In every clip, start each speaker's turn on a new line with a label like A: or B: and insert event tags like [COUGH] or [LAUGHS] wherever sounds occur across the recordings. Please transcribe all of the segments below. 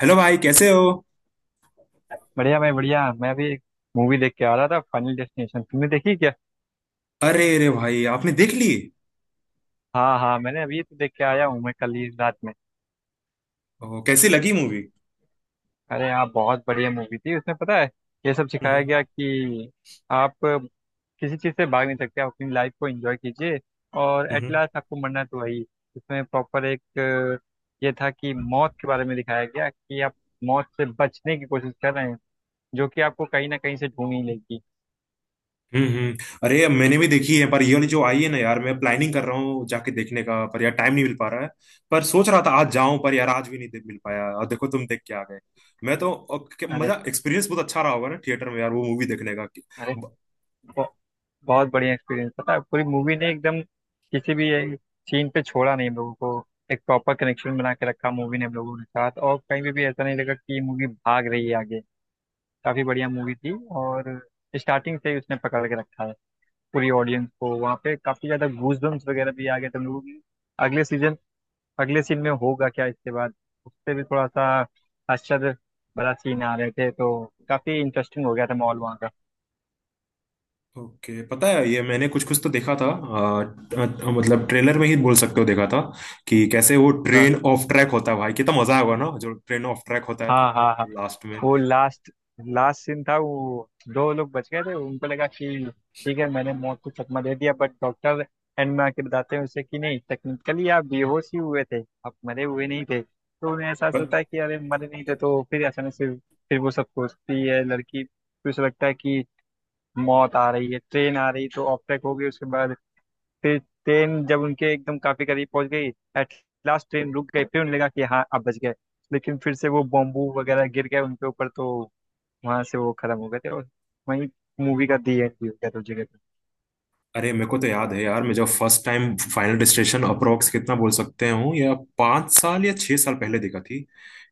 A: Hello भाई, कैसे हो?
B: बढ़िया भाई बढ़िया। मैं भी एक मूवी देख के आ रहा था, फाइनल डेस्टिनेशन। तुमने देखी क्या?
A: अरे अरे भाई, आपने देख ली।
B: हाँ हाँ, मैंने अभी तो देख के आया हूँ मैं, कल ही रात में।
A: ओ, कैसी लगी मूवी?
B: अरे हाँ, बहुत बढ़िया मूवी थी। उसमें पता है ये सब सिखाया
A: हम्म।
B: गया कि आप किसी चीज़ से भाग नहीं सकते, आप अपनी लाइफ को एंजॉय कीजिए और एट
A: हम्म।
B: लास्ट आपको मरना तो वही। इसमें प्रॉपर एक ये था कि मौत के बारे में दिखाया गया कि आप मौत से बचने की कोशिश कर रहे हैं जो कि आपको कहीं ना कहीं से ढूंढ ही लेगी।
A: हम्म। हम्म। अरे मैंने भी देखी है, पर ये वाली जो आई है ना यार, मैं प्लानिंग कर रहा हूँ जाके देखने का, पर यार टाइम नहीं मिल पा रहा है। पर सोच रहा था आज जाऊं, पर यार आज भी नहीं मिल पाया, और देखो तुम देख के आ गए। मैं तो और
B: अरे
A: मजा, एक्सपीरियंस बहुत अच्छा रहा होगा ना थिएटर में यार वो मूवी देखने का।
B: अरे, बहुत बढ़िया एक्सपीरियंस। पता है पूरी मूवी ने एकदम किसी भी सीन पे छोड़ा नहीं हम लोगों को। एक प्रॉपर कनेक्शन बना के रखा मूवी ने हम लोगों के साथ, और कहीं भी ऐसा नहीं लगा कि मूवी भाग रही है आगे। काफी बढ़िया मूवी थी। और स्टार्टिंग से ही उसने पकड़ के रखा है पूरी ऑडियंस को। वहाँ पे काफी ज्यादा गूज वगैरह भी आ गए थे हम लोगों के। अगले सीजन अगले सीन में होगा क्या इसके बाद, उससे भी थोड़ा सा आश्चर्य बड़ा सीन आ रहे थे, तो काफी इंटरेस्टिंग हो गया था माहौल वहाँ का।
A: ओके, पता है ये मैंने कुछ कुछ तो देखा था मतलब ट्रेलर में ही बोल सकते हो, देखा था कि कैसे वो
B: हाँ
A: ट्रेन ऑफ ट्रैक होता है। भाई कितना मजा आएगा ना, जो ट्रेन ऑफ ट्रैक होता है तो
B: हाँ हाँ। हाँ
A: लास्ट में।
B: वो लास्ट लास्ट सीन था। वो दो लोग बच गए थे, उनको लगा कि ठीक है, मैंने मौत को चकमा दे दिया, बट डॉक्टर एंड में आके बताते हैं उसे कि नहीं, टेक्निकली आप बेहोश ही हुए थे, आप मरे हुए नहीं थे। तो उन्हें एहसास होता है कि अरे मरे नहीं थे। तो फिर अचानक से फिर वो सब सोचती है लड़की, फिर उसे लगता है कि मौत आ रही है, ट्रेन आ रही, तो ऑफ ट्रैक हो गई। उसके बाद फिर ट्रेन जब उनके एकदम काफी करीब पहुंच गई, एट लास्ट ट्रेन रुक गई। फिर उन्हें लगा कि हाँ आप बच गए, लेकिन फिर से वो बॉम्बू वगैरह गिर गए उनके ऊपर, तो वहां से वो खत्म हो गए थे और वहीं मूवी का दी एंड भी हो गया था उस जगह पे।
A: अरे मेरे को तो याद है यार, मैं जब first time final destination approx कितना बोल सकते हूँ, या 5 साल या 6 साल पहले देखा थी।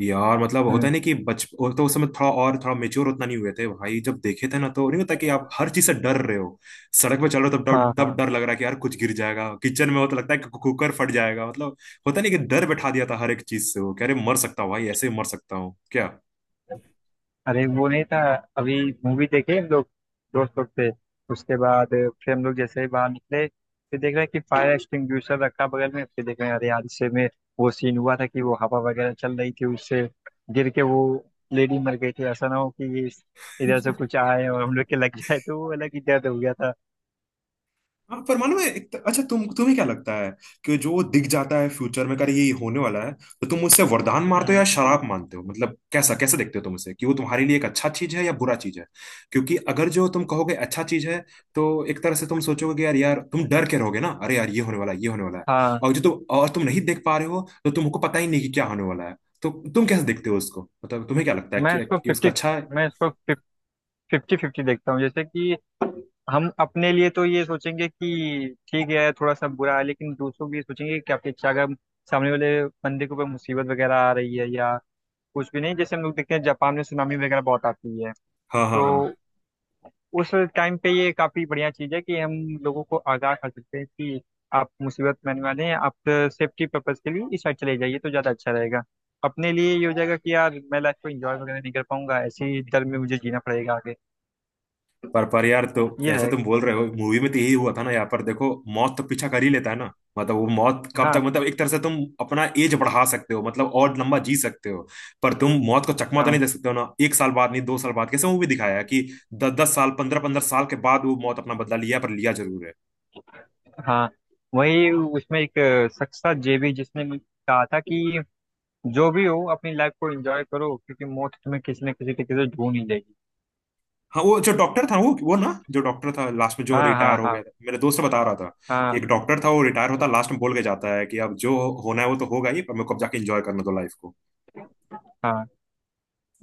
A: यार मतलब होता
B: हम्म।
A: नहीं कि बच, वो तो उस समय थोड़ा, और थोड़ा मेच्योर उतना नहीं हुए थे भाई जब देखे थे ना, तो नहीं होता कि आप हर चीज से डर रहे हो। सड़क पे चल रहे हो तब
B: हाँ
A: तब
B: हाँ।
A: डर लग रहा है कि यार कुछ गिर जाएगा, किचन में हो तो लगता है कि कुकर फट जाएगा, मतलब होता नहीं कि डर बैठा दिया था हर एक चीज से। वो कह रहे मर सकता हूँ भाई, ऐसे ही मर सकता हूँ क्या?
B: अरे वो नहीं था, अभी मूवी देखे हम लोग, दोस्त लोग थे। उसके बाद फिर हम लोग जैसे ही बाहर निकले, फिर देख रहे हैं कि फायर एक्सटिंग्विशर रखा बगल में। फिर देख रहे हैं, अरे यार इससे में वो सीन हुआ था कि वो हवा वगैरह चल रही थी, उससे गिर के वो लेडी मर गई थी। ऐसा ना हो कि ये इधर से कुछ आए और हम लोग के लग जाए, तो वो अलग ही दर्द हो गया था।
A: हाँ परमाणु में अच्छा, तुम तुम्हें क्या लगता है, कि जो दिख जाता है फ्यूचर में कर ये होने वाला है, तो तुम उससे वरदान मानते हो
B: हम्म।
A: या शराब मानते हो? मतलब कैसा कैसे देखते हो तुम उसे, कि वो तुम्हारे लिए एक अच्छा चीज है या बुरा चीज है? क्योंकि अगर जो तुम कहोगे अच्छा चीज है, तो एक तरह से तुम सोचोगे कि यार यार तुम डर के रहोगे ना, अरे यार ये होने वाला है, ये होने वाला है।
B: हाँ।
A: और जो तुम, और तुम नहीं देख पा रहे हो तो तुमको पता ही नहीं कि क्या होने वाला है। तो तुम कैसे देखते हो उसको? मतलब तुम्हें क्या लगता है
B: मैं
A: कि,
B: इसको
A: कि उसका
B: फिफ्टी
A: अच्छा है?
B: मैं इसको फिफ्टी फिफ्टी देखता हूँ। जैसे कि हम अपने लिए तो ये सोचेंगे कि ठीक है थोड़ा सा बुरा है, लेकिन दूसरों के लिए सोचेंगे क्या अच्छा। अगर सामने वाले बंदे के ऊपर मुसीबत वगैरह आ रही है या कुछ भी नहीं, जैसे हम लोग देखते हैं जापान में सुनामी वगैरह बहुत आती है,
A: हाँ हाँ
B: तो
A: हाँ।
B: उस टाइम पे ये काफी बढ़िया चीज है कि हम लोगों को आगाह कर सकते हैं कि आप मुसीबत में आने वाले हैं, आप सेफ्टी पर्पज के लिए इस साइड चले जाइए तो ज्यादा अच्छा रहेगा। अपने लिए ये हो जाएगा कि यार मैं लाइफ को एंजॉय वगैरह नहीं कर पाऊंगा, ऐसे ही डर में मुझे जीना पड़ेगा आगे।
A: पर यार, तो
B: ये
A: ऐसे
B: रहेगा।
A: तुम बोल रहे हो, मूवी में तो यही हुआ था ना, यहाँ पर देखो मौत तो पीछा कर ही लेता है ना। मतलब वो मौत कब तक,
B: हाँ
A: मतलब एक तरह से तुम अपना एज बढ़ा सकते हो, मतलब और लंबा जी सकते हो, पर तुम मौत को चकमा तो
B: हाँ
A: नहीं दे सकते हो ना। एक साल बाद नहीं, 2 साल बाद, कैसे मूवी दिखाया है कि 10 10 साल, 15 15 साल के बाद वो मौत अपना बदला लिया, पर लिया जरूर है।
B: हाँ। वही उसमें एक शख्स था जेबी, जिसने मुझे कहा था कि जो भी हो अपनी लाइफ को एंजॉय करो, क्योंकि मौत तुम्हें किसी न किसी तरीके से ढूंढ ही देगी।
A: हाँ वो जो डॉक्टर था, वो ना जो डॉक्टर था लास्ट में जो
B: हाँ
A: रिटायर
B: हाँ
A: हो गया
B: हाँ।
A: था, मेरे दोस्त बता रहा था कि एक
B: हाँ
A: डॉक्टर था वो रिटायर होता लास्ट में बोल के जाता है कि अब जो होना है वो तो होगा ही, पर मेरे को अब जाके एंजॉय करना दो लाइफ को।
B: हाँ।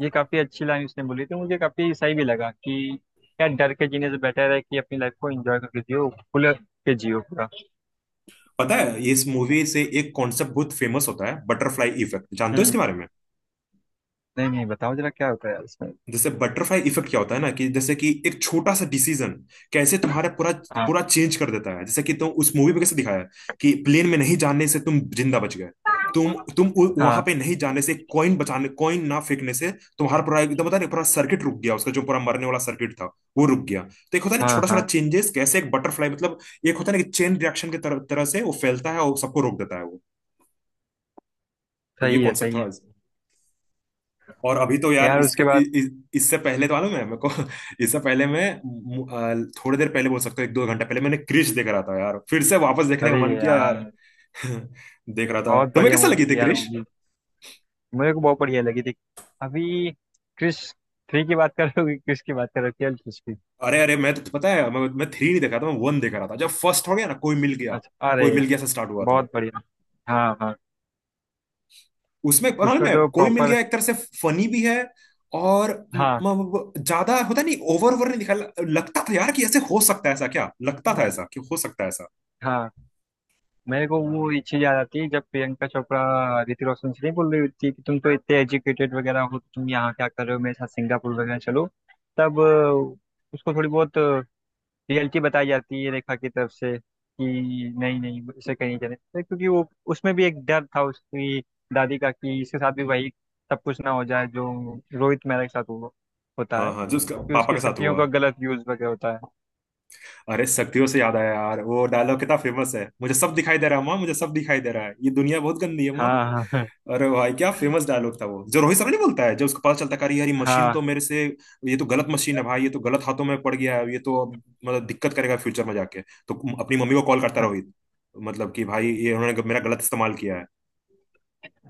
B: ये काफी अच्छी लाइन उसने बोली थी, मुझे काफी सही भी लगा कि यार डर के जीने से बेटर है कि अपनी लाइफ को एंजॉय करके जियो, खुल के जियो पूरा।
A: पता है ये इस मूवी से एक कॉन्सेप्ट बहुत फेमस होता है, बटरफ्लाई इफेक्ट, जानते हो
B: हम्म।
A: इसके बारे में?
B: नहीं नहीं, बताओ जरा क्या होता है यार इसमें।
A: जैसे बटरफ्लाई इफेक्ट क्या होता है ना, कि जैसे कि एक छोटा सा डिसीजन कैसे तुम्हारा पूरा
B: हाँ
A: पूरा चेंज कर देता है। जैसे कि तुम उस मूवी में कैसे दिखाया है कि प्लेन में नहीं जाने से तुम जिंदा बच गए, तुम वहां
B: हाँ
A: पे नहीं जाने से, कॉइन बचाने, कॉइन ना फेंकने से तुम्हारा पूरा एकदम पता नहीं पूरा सर्किट रुक गया, उसका जो पूरा मरने वाला सर्किट था वो रुक गया। तो एक होता है ना
B: हाँ
A: छोटा छोटा
B: हाँ।
A: चेंजेस कैसे एक बटरफ्लाई, मतलब एक होता है ना कि चेन रिएक्शन की तरह तरह से वो फैलता है और सबको रोक देता है वो। तो ये
B: सही है
A: कॉन्सेप्ट
B: सही
A: थोड़ा,
B: है।
A: और अभी तो यार
B: यार
A: इसके
B: उसके बाद
A: इ, इ, इससे पहले तो मालूम है मेरे को [LAUGHS] इससे पहले मैं थोड़ी देर पहले बोल सकता हूँ, एक दो घंटा पहले मैंने क्रिश देख रहा था यार, फिर से वापस देखने का
B: अरे
A: मन किया यार।
B: यार
A: [LAUGHS] देख रहा था,
B: बहुत
A: तुम्हें
B: बढ़िया
A: कैसा
B: मूवी
A: लगी थी
B: थी यार,
A: क्रिश?
B: मेरे को बहुत बढ़िया लगी थी। अभी क्रिश थ्री की बात कर रहे हो कि क्रिश की बात कर रहे हो, केवल क्रिश की?
A: अरे अरे, मैं तो, पता है मैं थ्री नहीं देख रहा था, मैं वन देख रहा था, जब फर्स्ट हो गया ना कोई मिल गया,
B: अच्छा अरे,
A: कोई मिल गया से स्टार्ट हुआ था।
B: बहुत बढ़िया। हाँ हाँ।
A: उसमें पता नहीं,
B: उसमें तो
A: मैं कोई मिल
B: प्रॉपर।
A: गया एक तरह से फनी भी है, और
B: हाँ
A: ज्यादा होता नहीं, ओवर ओवर नहीं दिखा। लगता था यार कि ऐसे हो सकता है, ऐसा क्या लगता था ऐसा कि हो सकता है ऐसा।
B: हाँ। मेरे को वो ये चीज याद आती है जब प्रियंका चोपड़ा ऋतिक रोशन से नहीं बोल रही होती कि तुम तो इतने एजुकेटेड वगैरह हो, तुम यहाँ क्या कर रहे हो, मेरे साथ सिंगापुर वगैरह चलो। तब उसको थोड़ी बहुत रियलिटी बताई जाती है रेखा की तरफ से कि नहीं नहीं, इसे कहीं नहीं जाने देते, क्योंकि वो उसमें भी एक डर था उसकी दादी का कि इसके साथ भी वही सब कुछ ना हो जाए जो रोहित मेहरा के साथ हो, होता
A: हाँ
B: है
A: हाँ, जो उसका
B: कि
A: पापा
B: उसकी
A: के साथ
B: शक्तियों
A: हुआ।
B: का गलत यूज वगैरह होता है।
A: अरे शक्तियों से याद आया यार, वो डायलॉग कितना फेमस है, मुझे सब दिखाई दे रहा है माँ, मुझे सब दिखाई दे रहा है, ये दुनिया बहुत गंदी है माँ।
B: हाँ हाँ
A: अरे भाई क्या फेमस डायलॉग था वो, जो रोहित शर्मा नहीं बोलता है जब उसको पता चलता है कि अरे यार ये मशीन तो
B: हाँ।
A: मेरे से, ये तो गलत मशीन है भाई, ये तो गलत हाथों में पड़ गया है, ये तो अब मतलब दिक्कत करेगा फ्यूचर में जाके। तो अपनी मम्मी को कॉल करता है
B: हाँ
A: रोहित, मतलब कि भाई ये उन्होंने मेरा गलत इस्तेमाल किया है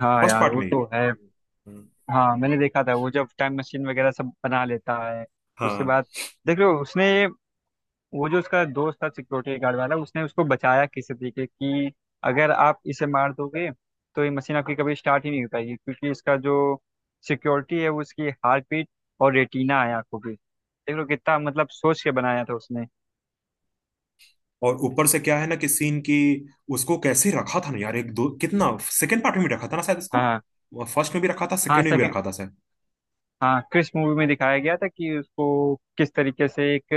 B: हाँ
A: फर्स्ट
B: यार
A: पार्ट
B: वो
A: में ही।
B: तो है।
A: हम्म।
B: हाँ मैंने देखा था वो जब टाइम मशीन वगैरह सब बना लेता है उसके
A: हाँ,
B: बाद। देख लो उसने, वो जो उसका दोस्त था सिक्योरिटी गार्ड वाला, उसने उसको बचाया किसी तरीके, कि अगर आप इसे मार दोगे तो ये मशीन आपकी कभी स्टार्ट ही नहीं हो पाएगी, क्योंकि इसका जो सिक्योरिटी है वो उसकी हार्ट बीट और रेटिना है आंखों की। देख लो कितना मतलब सोच के बनाया था उसने।
A: और ऊपर से क्या है ना कि सीन की उसको कैसे रखा था ना यार, एक दो कितना सेकंड पार्ट में भी रखा था ना शायद इसको,
B: हाँ
A: फर्स्ट में भी रखा था
B: हाँ
A: सेकंड में भी
B: सेकंड।
A: रखा था।
B: हाँ क्रिस मूवी में दिखाया गया था कि उसको किस तरीके से एक,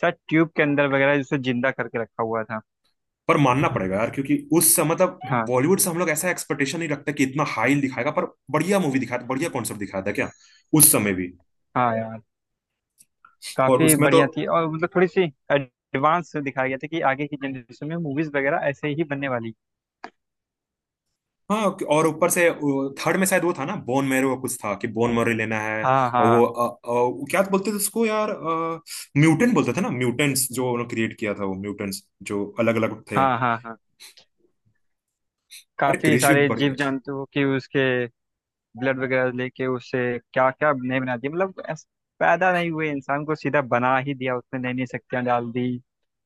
B: शायद ट्यूब के अंदर वगैरह जिसे जिंदा करके रखा हुआ था।
A: पर मानना पड़ेगा यार, क्योंकि उस समय मतलब
B: हाँ
A: बॉलीवुड से हम लोग ऐसा एक्सपेक्टेशन नहीं रखते कि इतना हाई दिखाएगा, पर बढ़िया मूवी दिखाया था, बढ़िया कॉन्सेप्ट दिखाया था क्या उस समय भी।
B: हाँ यार,
A: और
B: काफी
A: उसमें तो
B: बढ़िया थी। और मतलब थोड़ी सी एडवांस दिखाया गया था कि आगे की जनरेशन में मूवीज वगैरह ऐसे ही बनने वाली।
A: हाँ, और ऊपर से थर्ड में शायद वो था ना बोन मैरो का, कुछ था कि बोन मैरो लेना है,
B: हाँ
A: और वो
B: हाँ
A: वो क्या बोलते थे उसको यार, म्यूटेंट बोलते थे ना, म्यूटेंट्स जो उन्होंने क्रिएट किया था वो म्यूटेंट्स जो अलग अलग थे।
B: हाँ हाँ हाँ।
A: अरे
B: काफी
A: क्रिश भी,
B: सारे जीव जंतु की उसके ब्लड वगैरह लेके, उससे क्या क्या नहीं बना दिया मतलब। पैदा नहीं हुए इंसान को सीधा बना ही दिया उसने, नई नई शक्तियां डाल दी,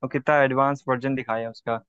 B: और कितना एडवांस वर्जन दिखाया उसका।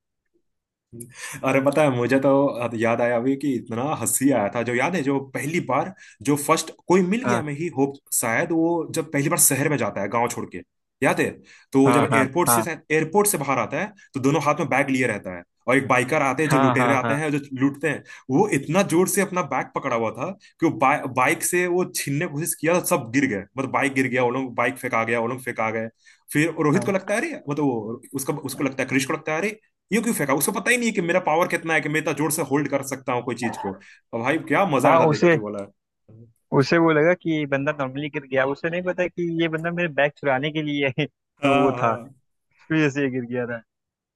A: अरे पता है मुझे तो याद आया अभी कि इतना हंसी आया था जो याद है, जो पहली बार, जो फर्स्ट कोई मिल गया
B: हाँ
A: मैं ही होप शायद, वो जब पहली बार शहर में जाता है गांव छोड़ के, याद है? तो वो
B: हाँ
A: जब
B: हाँ हाँ
A: एयरपोर्ट से बाहर आता है, तो दोनों हाथ में बैग लिए रहता है, और एक बाइकर आते हैं जो
B: हाँ
A: लुटेरे
B: हाँ
A: आते
B: हाँ
A: हैं जो लूटते हैं। वो इतना जोर से अपना बैग पकड़ा हुआ था कि वो बाइक से वो छीनने की कोशिश किया, तो सब गिर गए, मतलब बाइक गिर गया वो लोग, बाइक फेंका गया वो लोग फेंका गए। फिर रोहित को
B: हाँ
A: लगता है अरे, मतलब वो उसका, उसको लगता है, कृष को लगता है, अरे यूं क्यों फेंका? उसको पता ही नहीं है कि मेरा पावर कितना है, कि मैं इतना जोर से होल्ड कर सकता हूँ कोई चीज को। और भाई क्या मजा आया
B: हाँ।
A: था देख
B: उसे
A: के बोला।
B: उसे वो लगा कि ये बंदा नॉर्मली गिर गया, उसे नहीं पता कि ये बंदा मेरे बैग चुराने के लिए [LAUGHS] वो
A: हाँ
B: था।
A: हाँ
B: फिर ऐसे ही गिर गया था।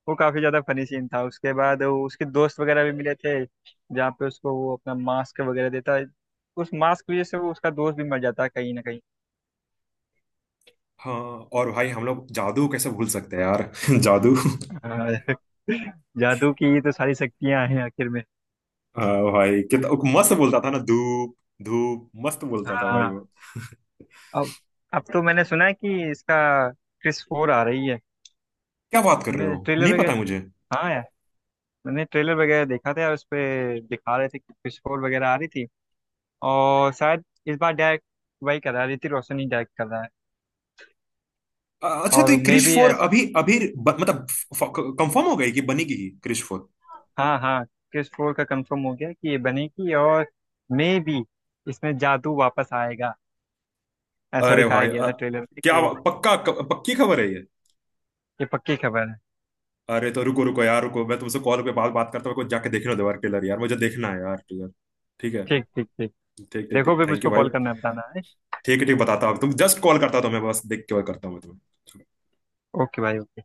B: वो काफी ज्यादा फनी सीन था। उसके बाद वो उसके दोस्त वगैरह भी मिले थे, जहाँ पे उसको वो अपना मास्क वगैरह देता है, उस मास्क की वजह से वो उसका दोस्त भी मर जाता है कहीं ना कहीं।
A: हाँ। और भाई हम लोग जादू कैसे भूल सकते हैं यार [LAUGHS] जादू।
B: हाँ। [LAUGHS] जादू की ये तो सारी शक्तियां हैं आखिर में।
A: हाँ भाई कितना वो मस्त बोलता था ना, धूप, धूप मस्त बोलता था भाई
B: हाँ।
A: वो।
B: अब अब तो मैंने सुना है कि इसका क्रिस फोर आ रही है।
A: क्या बात कर रहे
B: मैंने
A: हो?
B: ट्रेलर
A: नहीं पता
B: वगैरह।
A: मुझे।
B: हाँ यार मैंने ट्रेलर वगैरह देखा था यार, उस पे दिखा रहे थे कि क्रिस फोर वगैरह आ रही थी, और शायद इस बार डायरेक्ट वही कर रहा है, ऋतिक रोशन ही डायरेक्ट कर रहा है।
A: अच्छा, तो
B: और
A: ये
B: मे
A: क्रिश
B: भी।
A: फोर अभी अभी मतलब कंफर्म हो गई, कि बनेगी ही क्रिश फोर?
B: हाँ हाँ। क्रिस फोर का कंफर्म हो गया कि ये बनेगी। और मे बी इसमें जादू वापस आएगा। ऐसा
A: अरे
B: दिखाया
A: भाई
B: गया था ट्रेलर में कि
A: क्या
B: ये
A: पक्का, पक्की खबर है ये?
B: ये पक्की खबर है।
A: अरे तो रुको रुको यार रुको, मैं तुमसे कॉल पे बात बात करता हूँ, मेरे को जाके देखना दो यार टेलर, यार मुझे देखना है यार टेलर। ठीक है,
B: ठीक ठीक ठीक।
A: ठीक ठीक
B: देखो
A: ठीक
B: फिर
A: थैंक
B: मुझको
A: यू भाई।
B: कॉल करना है, बताना है।
A: ठीक है, ठीक बताता हूँ, तुम जस्ट कॉल करता था मैं, बस देख के कॉल करता हूँ मैं तुम्हें।
B: ओके भाई ओके।